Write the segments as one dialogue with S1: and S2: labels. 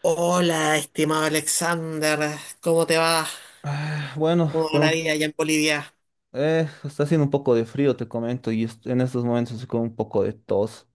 S1: Hola, estimado Alexander, ¿cómo te va?
S2: Ah, bueno,
S1: ¿Cómo va
S2: con
S1: la
S2: un,
S1: vida allá en Bolivia?
S2: está haciendo un poco de frío, te comento, y en estos momentos estoy con un poco de tos.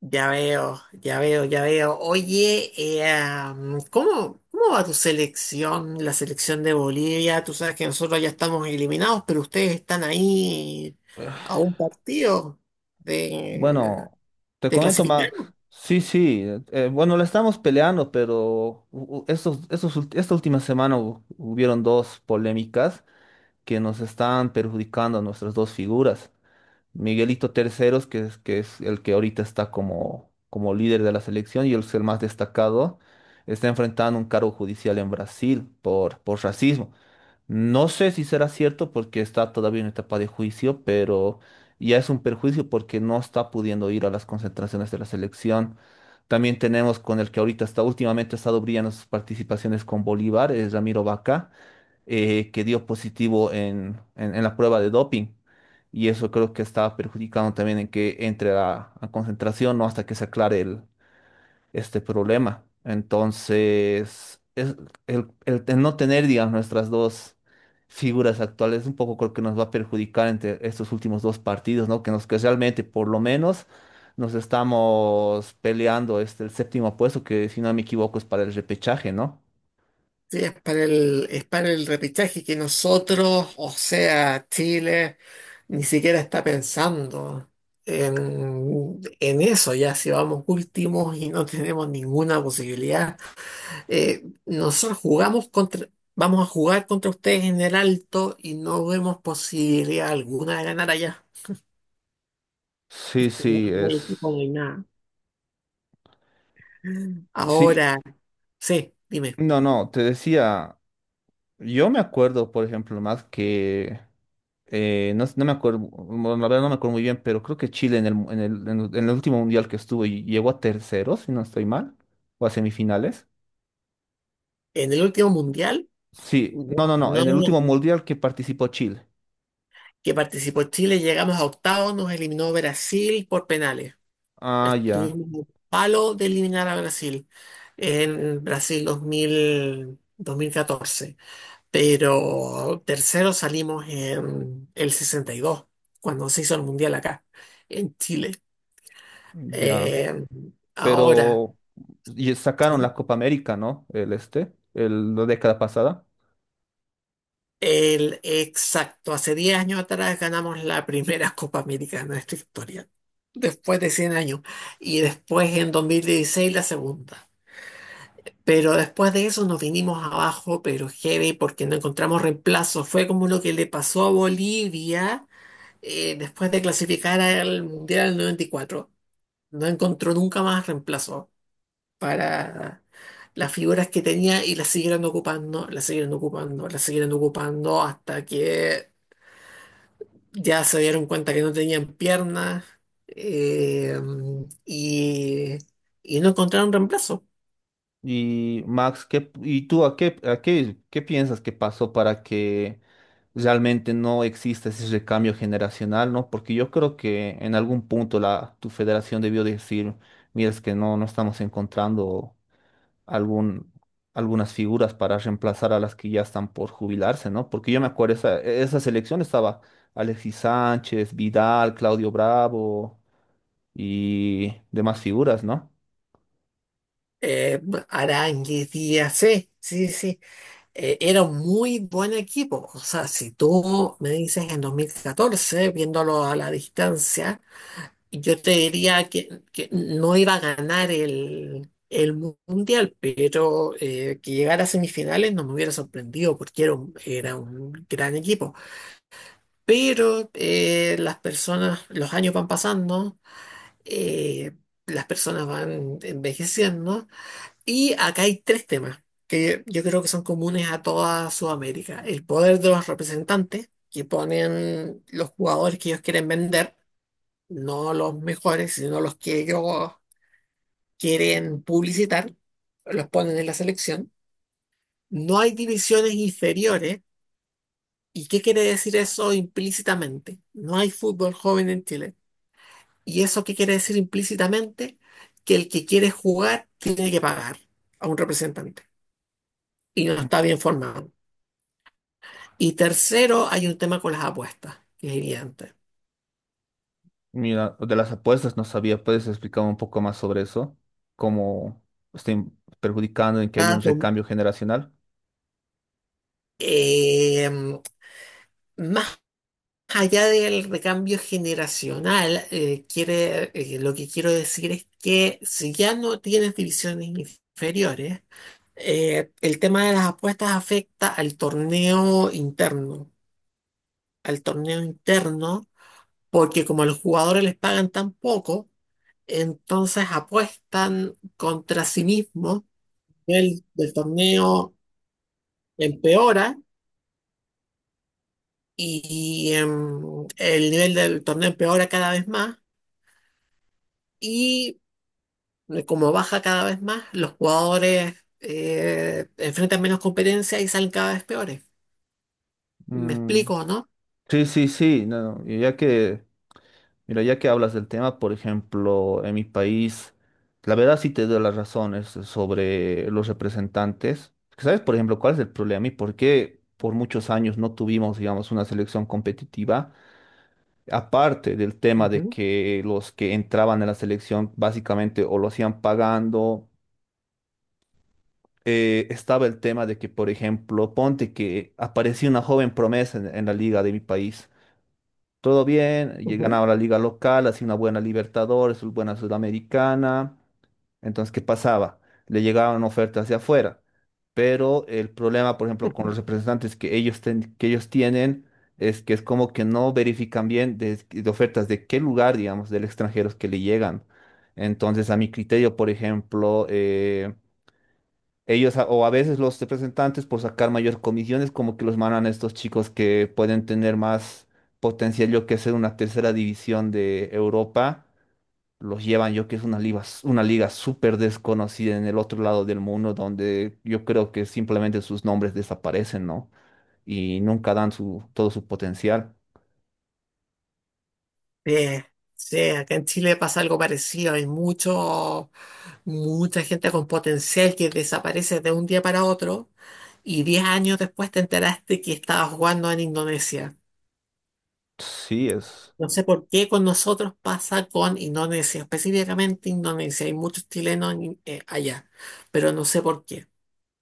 S1: Ya veo, ya veo, ya veo. Oye, ¿Cómo va tu selección, la selección de Bolivia? Tú sabes que nosotros ya estamos eliminados, pero ustedes están ahí a un partido de,
S2: Bueno, te
S1: de
S2: comento,
S1: clasificar.
S2: más. Sí, sí, bueno, la estamos peleando, pero estos esta última semana hubieron dos polémicas que nos están perjudicando a nuestras dos figuras. Miguelito Terceros, que es el que ahorita está como, como líder de la selección y es el más destacado, está enfrentando un cargo judicial en Brasil por racismo. No sé si será cierto porque está todavía en etapa de juicio, pero ya es un perjuicio porque no está pudiendo ir a las concentraciones de la selección. También tenemos con el que ahorita está, últimamente ha estado brillando sus participaciones con Bolívar, es Ramiro Vaca, que dio positivo en, en la prueba de doping. Y eso creo que está perjudicando también en que entre a concentración, ¿no? Hasta que se aclare el, este problema. Entonces, es el, no tener, digamos, nuestras dos figuras actuales, un poco creo que nos va a perjudicar entre estos últimos dos partidos, ¿no? Que nos que realmente, por lo menos, nos estamos peleando este el séptimo puesto, que si no me equivoco es para el repechaje, ¿no?
S1: Sí, es para el repechaje que nosotros, o sea, Chile, ni siquiera está pensando en eso, ya si vamos últimos y no tenemos ninguna posibilidad. Eh, nosotros jugamos contra, vamos a jugar contra ustedes en el alto y no vemos posibilidad alguna de ganar allá. Es
S2: Sí,
S1: que
S2: sí,
S1: no
S2: es.
S1: hay equipo, no hay nada.
S2: Sí,
S1: Ahora, sí, dime.
S2: no, no, te decía, yo me acuerdo, por ejemplo, más que no, no me acuerdo, bueno, la verdad no me acuerdo muy bien, pero creo que Chile en el último mundial que estuvo llegó a terceros, si no estoy mal, o a semifinales.
S1: En el último mundial,
S2: Sí, no, no,
S1: no,
S2: no,
S1: no, no,
S2: en el último
S1: no,
S2: mundial que participó Chile.
S1: que participó Chile, llegamos a octavos, nos eliminó Brasil por penales.
S2: Ah, ya,
S1: Estuvimos un palo de eliminar a Brasil en Brasil 2000, 2014, pero tercero salimos en el 62, cuando se hizo el Mundial acá, en Chile.
S2: ya.
S1: Eh, ahora.
S2: Pero y sacaron la
S1: Sí.
S2: Copa América, ¿no? El este, el, la década pasada.
S1: Exacto, hace 10 años atrás ganamos la primera Copa América de nuestra historia, después de 100 años, y después en 2016 la segunda. Pero después de eso nos vinimos abajo, pero heavy, porque no encontramos reemplazo. Fue como lo que le pasó a Bolivia después de clasificar al Mundial del 94. No encontró nunca más reemplazo para las figuras que tenía y las siguieron ocupando, las siguieron ocupando, las siguieron ocupando hasta que ya se dieron cuenta que no tenían piernas eh, y, y no encontraron reemplazo.
S2: Y Max, ¿qué, y tú a qué, qué piensas que pasó para que realmente no exista ese recambio generacional, ¿no? Porque yo creo que en algún punto tu federación debió decir, mira, es que no, no estamos encontrando algún, algunas figuras para reemplazar a las que ya están por jubilarse, ¿no? Porque yo me acuerdo, esa selección estaba Alexis Sánchez, Vidal, Claudio Bravo y demás figuras, ¿no?
S1: Eh, Aránguiz, Díaz, sí, sí, sí. Era un muy buen equipo. O sea, si tú me dices en 2014 viéndolo a la distancia, yo te diría que no iba a ganar el mundial, pero que llegara a semifinales no me hubiera sorprendido porque era un gran equipo. Pero las personas, los años van pasando, eh, las personas van envejeciendo y acá hay tres temas que yo creo que son comunes a toda Sudamérica. El poder de los representantes que ponen los jugadores que ellos quieren vender, no los mejores, sino los que ellos quieren publicitar, los ponen en la selección. No hay divisiones inferiores. ¿Y qué quiere decir eso implícitamente? No hay fútbol joven en Chile. ¿Y eso qué quiere decir implícitamente? Que el que quiere jugar tiene que pagar a un representante y no está bien formado. Y tercero, hay un tema con las apuestas, que es evidente.
S2: Mira, de las apuestas no sabía, ¿puedes explicar un poco más sobre eso? ¿Cómo estén perjudicando en que hay
S1: Está
S2: un
S1: dom-
S2: recambio generacional?
S1: eh, más allá del recambio generacional, lo que quiero decir es que si ya no tienes divisiones inferiores, el tema de las apuestas afecta al torneo interno. Al torneo interno porque como a los jugadores les pagan tan poco, entonces apuestan contra sí mismos. El nivel del torneo empeora y el nivel del torneo empeora cada vez más y como baja cada vez más, los jugadores enfrentan menos competencia y salen cada vez peores. ¿Me
S2: Mm,
S1: explico, no?
S2: sí, sí, sí, no, y ya que, mira, ya que hablas del tema, por ejemplo, en mi país, la verdad sí te doy las razones sobre los representantes. ¿Sabes, por ejemplo, cuál es el problema y por qué por muchos años no tuvimos, digamos, una selección competitiva? Aparte del tema de
S1: Ujú,
S2: que los que entraban en la selección básicamente o lo hacían pagando, estaba el tema de que, por ejemplo, ponte que aparecía una joven promesa en la liga de mi país todo bien, y
S1: ujú,
S2: ganaba la liga local, hacía una buena Libertadores, una buena Sudamericana. Entonces, ¿qué pasaba? Le llegaban ofertas hacia afuera, pero el problema, por ejemplo, con
S1: ujú.
S2: los representantes que ellos, que ellos tienen es que es como que no verifican bien de ofertas de qué lugar, digamos, del extranjero es que le llegan. Entonces, a mi criterio, por ejemplo, ellos o a veces los representantes por sacar mayor comisiones como que los mandan a estos chicos que pueden tener más potencial, yo que sé, una tercera división de Europa. Los llevan, yo que es una liga, una liga súper desconocida en el otro lado del mundo, donde yo creo que simplemente sus nombres desaparecen, ¿no? Y nunca dan su, todo su potencial.
S1: Sí, sí, acá en Chile pasa algo parecido. Hay mucha gente con potencial que desaparece de un día para otro y 10 años después te enteraste que estaba jugando en Indonesia.
S2: Sí, es.
S1: No sé por qué con nosotros pasa con Indonesia, específicamente Indonesia. Hay muchos chilenos allá, pero no sé por qué.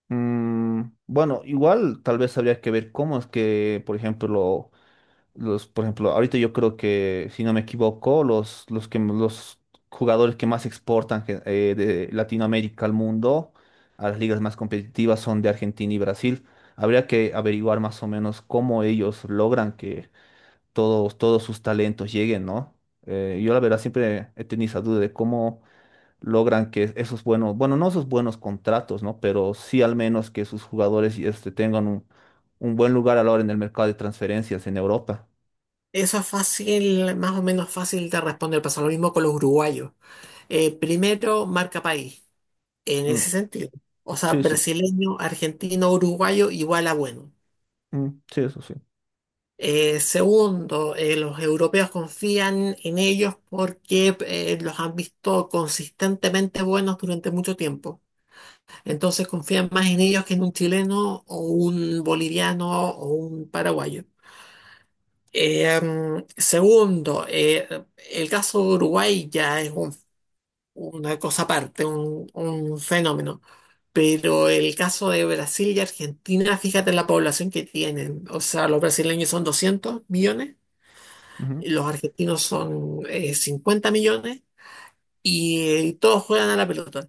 S2: Mm, bueno, igual tal vez habría que ver cómo es que, por ejemplo, los, por ejemplo, ahorita yo creo que, si no me equivoco, los jugadores que más exportan de Latinoamérica al mundo, a las ligas más competitivas, son de Argentina y Brasil. Habría que averiguar más o menos cómo ellos logran que todos sus talentos lleguen, ¿no? Yo la verdad siempre he tenido esa duda de cómo logran que esos buenos, bueno, no esos buenos contratos, ¿no? Pero sí al menos que sus jugadores este, tengan un buen lugar a la hora en el mercado de transferencias en Europa.
S1: Eso es fácil, más o menos fácil de responder. Pasa lo mismo con los uruguayos. Primero, marca país, en
S2: Mm.
S1: ese sentido. O sea,
S2: Sí, sí.
S1: brasileño, argentino, uruguayo, igual a bueno.
S2: Mm, sí, eso sí.
S1: Segundo, los europeos confían en ellos porque los han visto consistentemente buenos durante mucho tiempo. Entonces confían más en ellos que en un chileno o un boliviano o un paraguayo. Segundo, el caso de Uruguay ya es un una cosa aparte, un fenómeno. Pero el caso de Brasil y Argentina, fíjate la población que tienen. O sea, los brasileños son 200 millones,
S2: Ujú,
S1: los argentinos son 50 millones y, todos juegan a la pelota.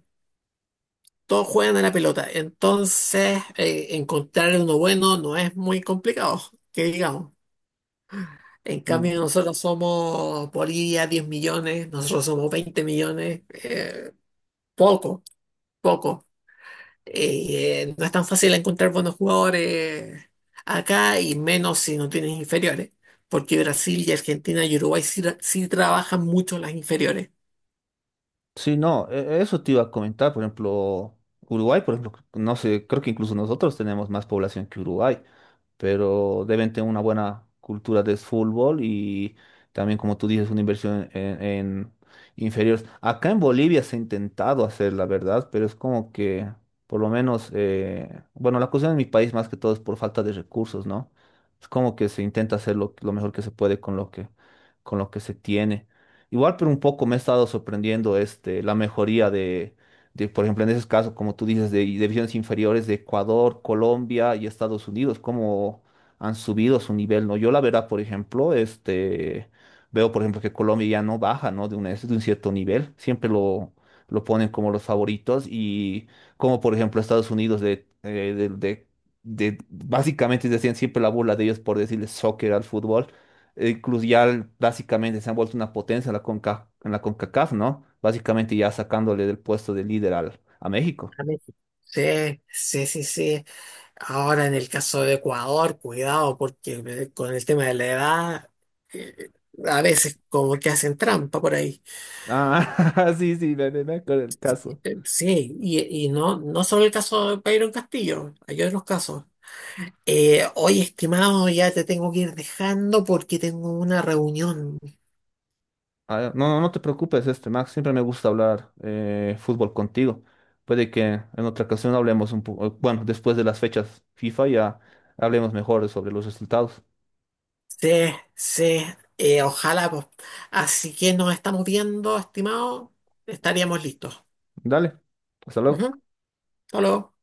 S1: Todos juegan a la pelota. Entonces, encontrar uno bueno no es muy complicado, que digamos. En
S2: mm.
S1: cambio, nosotros somos Bolivia 10 millones, nosotros somos 20 millones, poco, poco. No es tan fácil encontrar buenos jugadores acá y menos si no tienes inferiores, porque Brasil y Argentina y Uruguay sí trabajan mucho las inferiores.
S2: Sí, no, eso te iba a comentar, por ejemplo, Uruguay, por ejemplo, no sé, creo que incluso nosotros tenemos más población que Uruguay, pero deben tener una buena cultura de fútbol y también, como tú dices, una inversión en inferiores. Acá en Bolivia se ha intentado hacer, la verdad, pero es como que, por lo menos, bueno, la cuestión en mi país más que todo es por falta de recursos, ¿no? Es como que se intenta hacer lo mejor que se puede con lo que se tiene. Igual, pero un poco me ha estado sorprendiendo este, la mejoría de, por ejemplo, en esos casos, como tú dices, de divisiones inferiores de Ecuador, Colombia y Estados Unidos, cómo han subido su nivel, ¿no? Yo la verdad, por ejemplo, este, veo, por ejemplo, que Colombia ya no baja, ¿no? De un cierto nivel, siempre lo ponen como los favoritos y como, por ejemplo, Estados Unidos básicamente decían siempre la burla de ellos por decirles soccer al fútbol, ya básicamente se han vuelto una potencia en la Conca, en la CONCACAF, ¿no? Básicamente ya sacándole del puesto de líder al, a México.
S1: A México. Sí, sí, sí, sí. Ahora en el caso de Ecuador, cuidado, porque con el tema de la edad, eh, a veces como que hacen trampa por ahí.
S2: Ah, sí, sí, me, me acuerdo el caso.
S1: Sí, y no, no solo el caso de Byron Castillo, hay otros casos. Oye, estimado, ya te tengo que ir dejando porque tengo una reunión.
S2: Ah, no, no, no te preocupes, este, Max, siempre me gusta hablar fútbol contigo. Puede que en otra ocasión hablemos un poco, bueno, después de las fechas FIFA ya hablemos mejor sobre los resultados.
S1: Sí, sí, ojalá, pues. Así que nos estamos viendo, estimado. Estaríamos listos.
S2: Dale, hasta
S1: Ujú.
S2: luego.
S1: Hasta luego.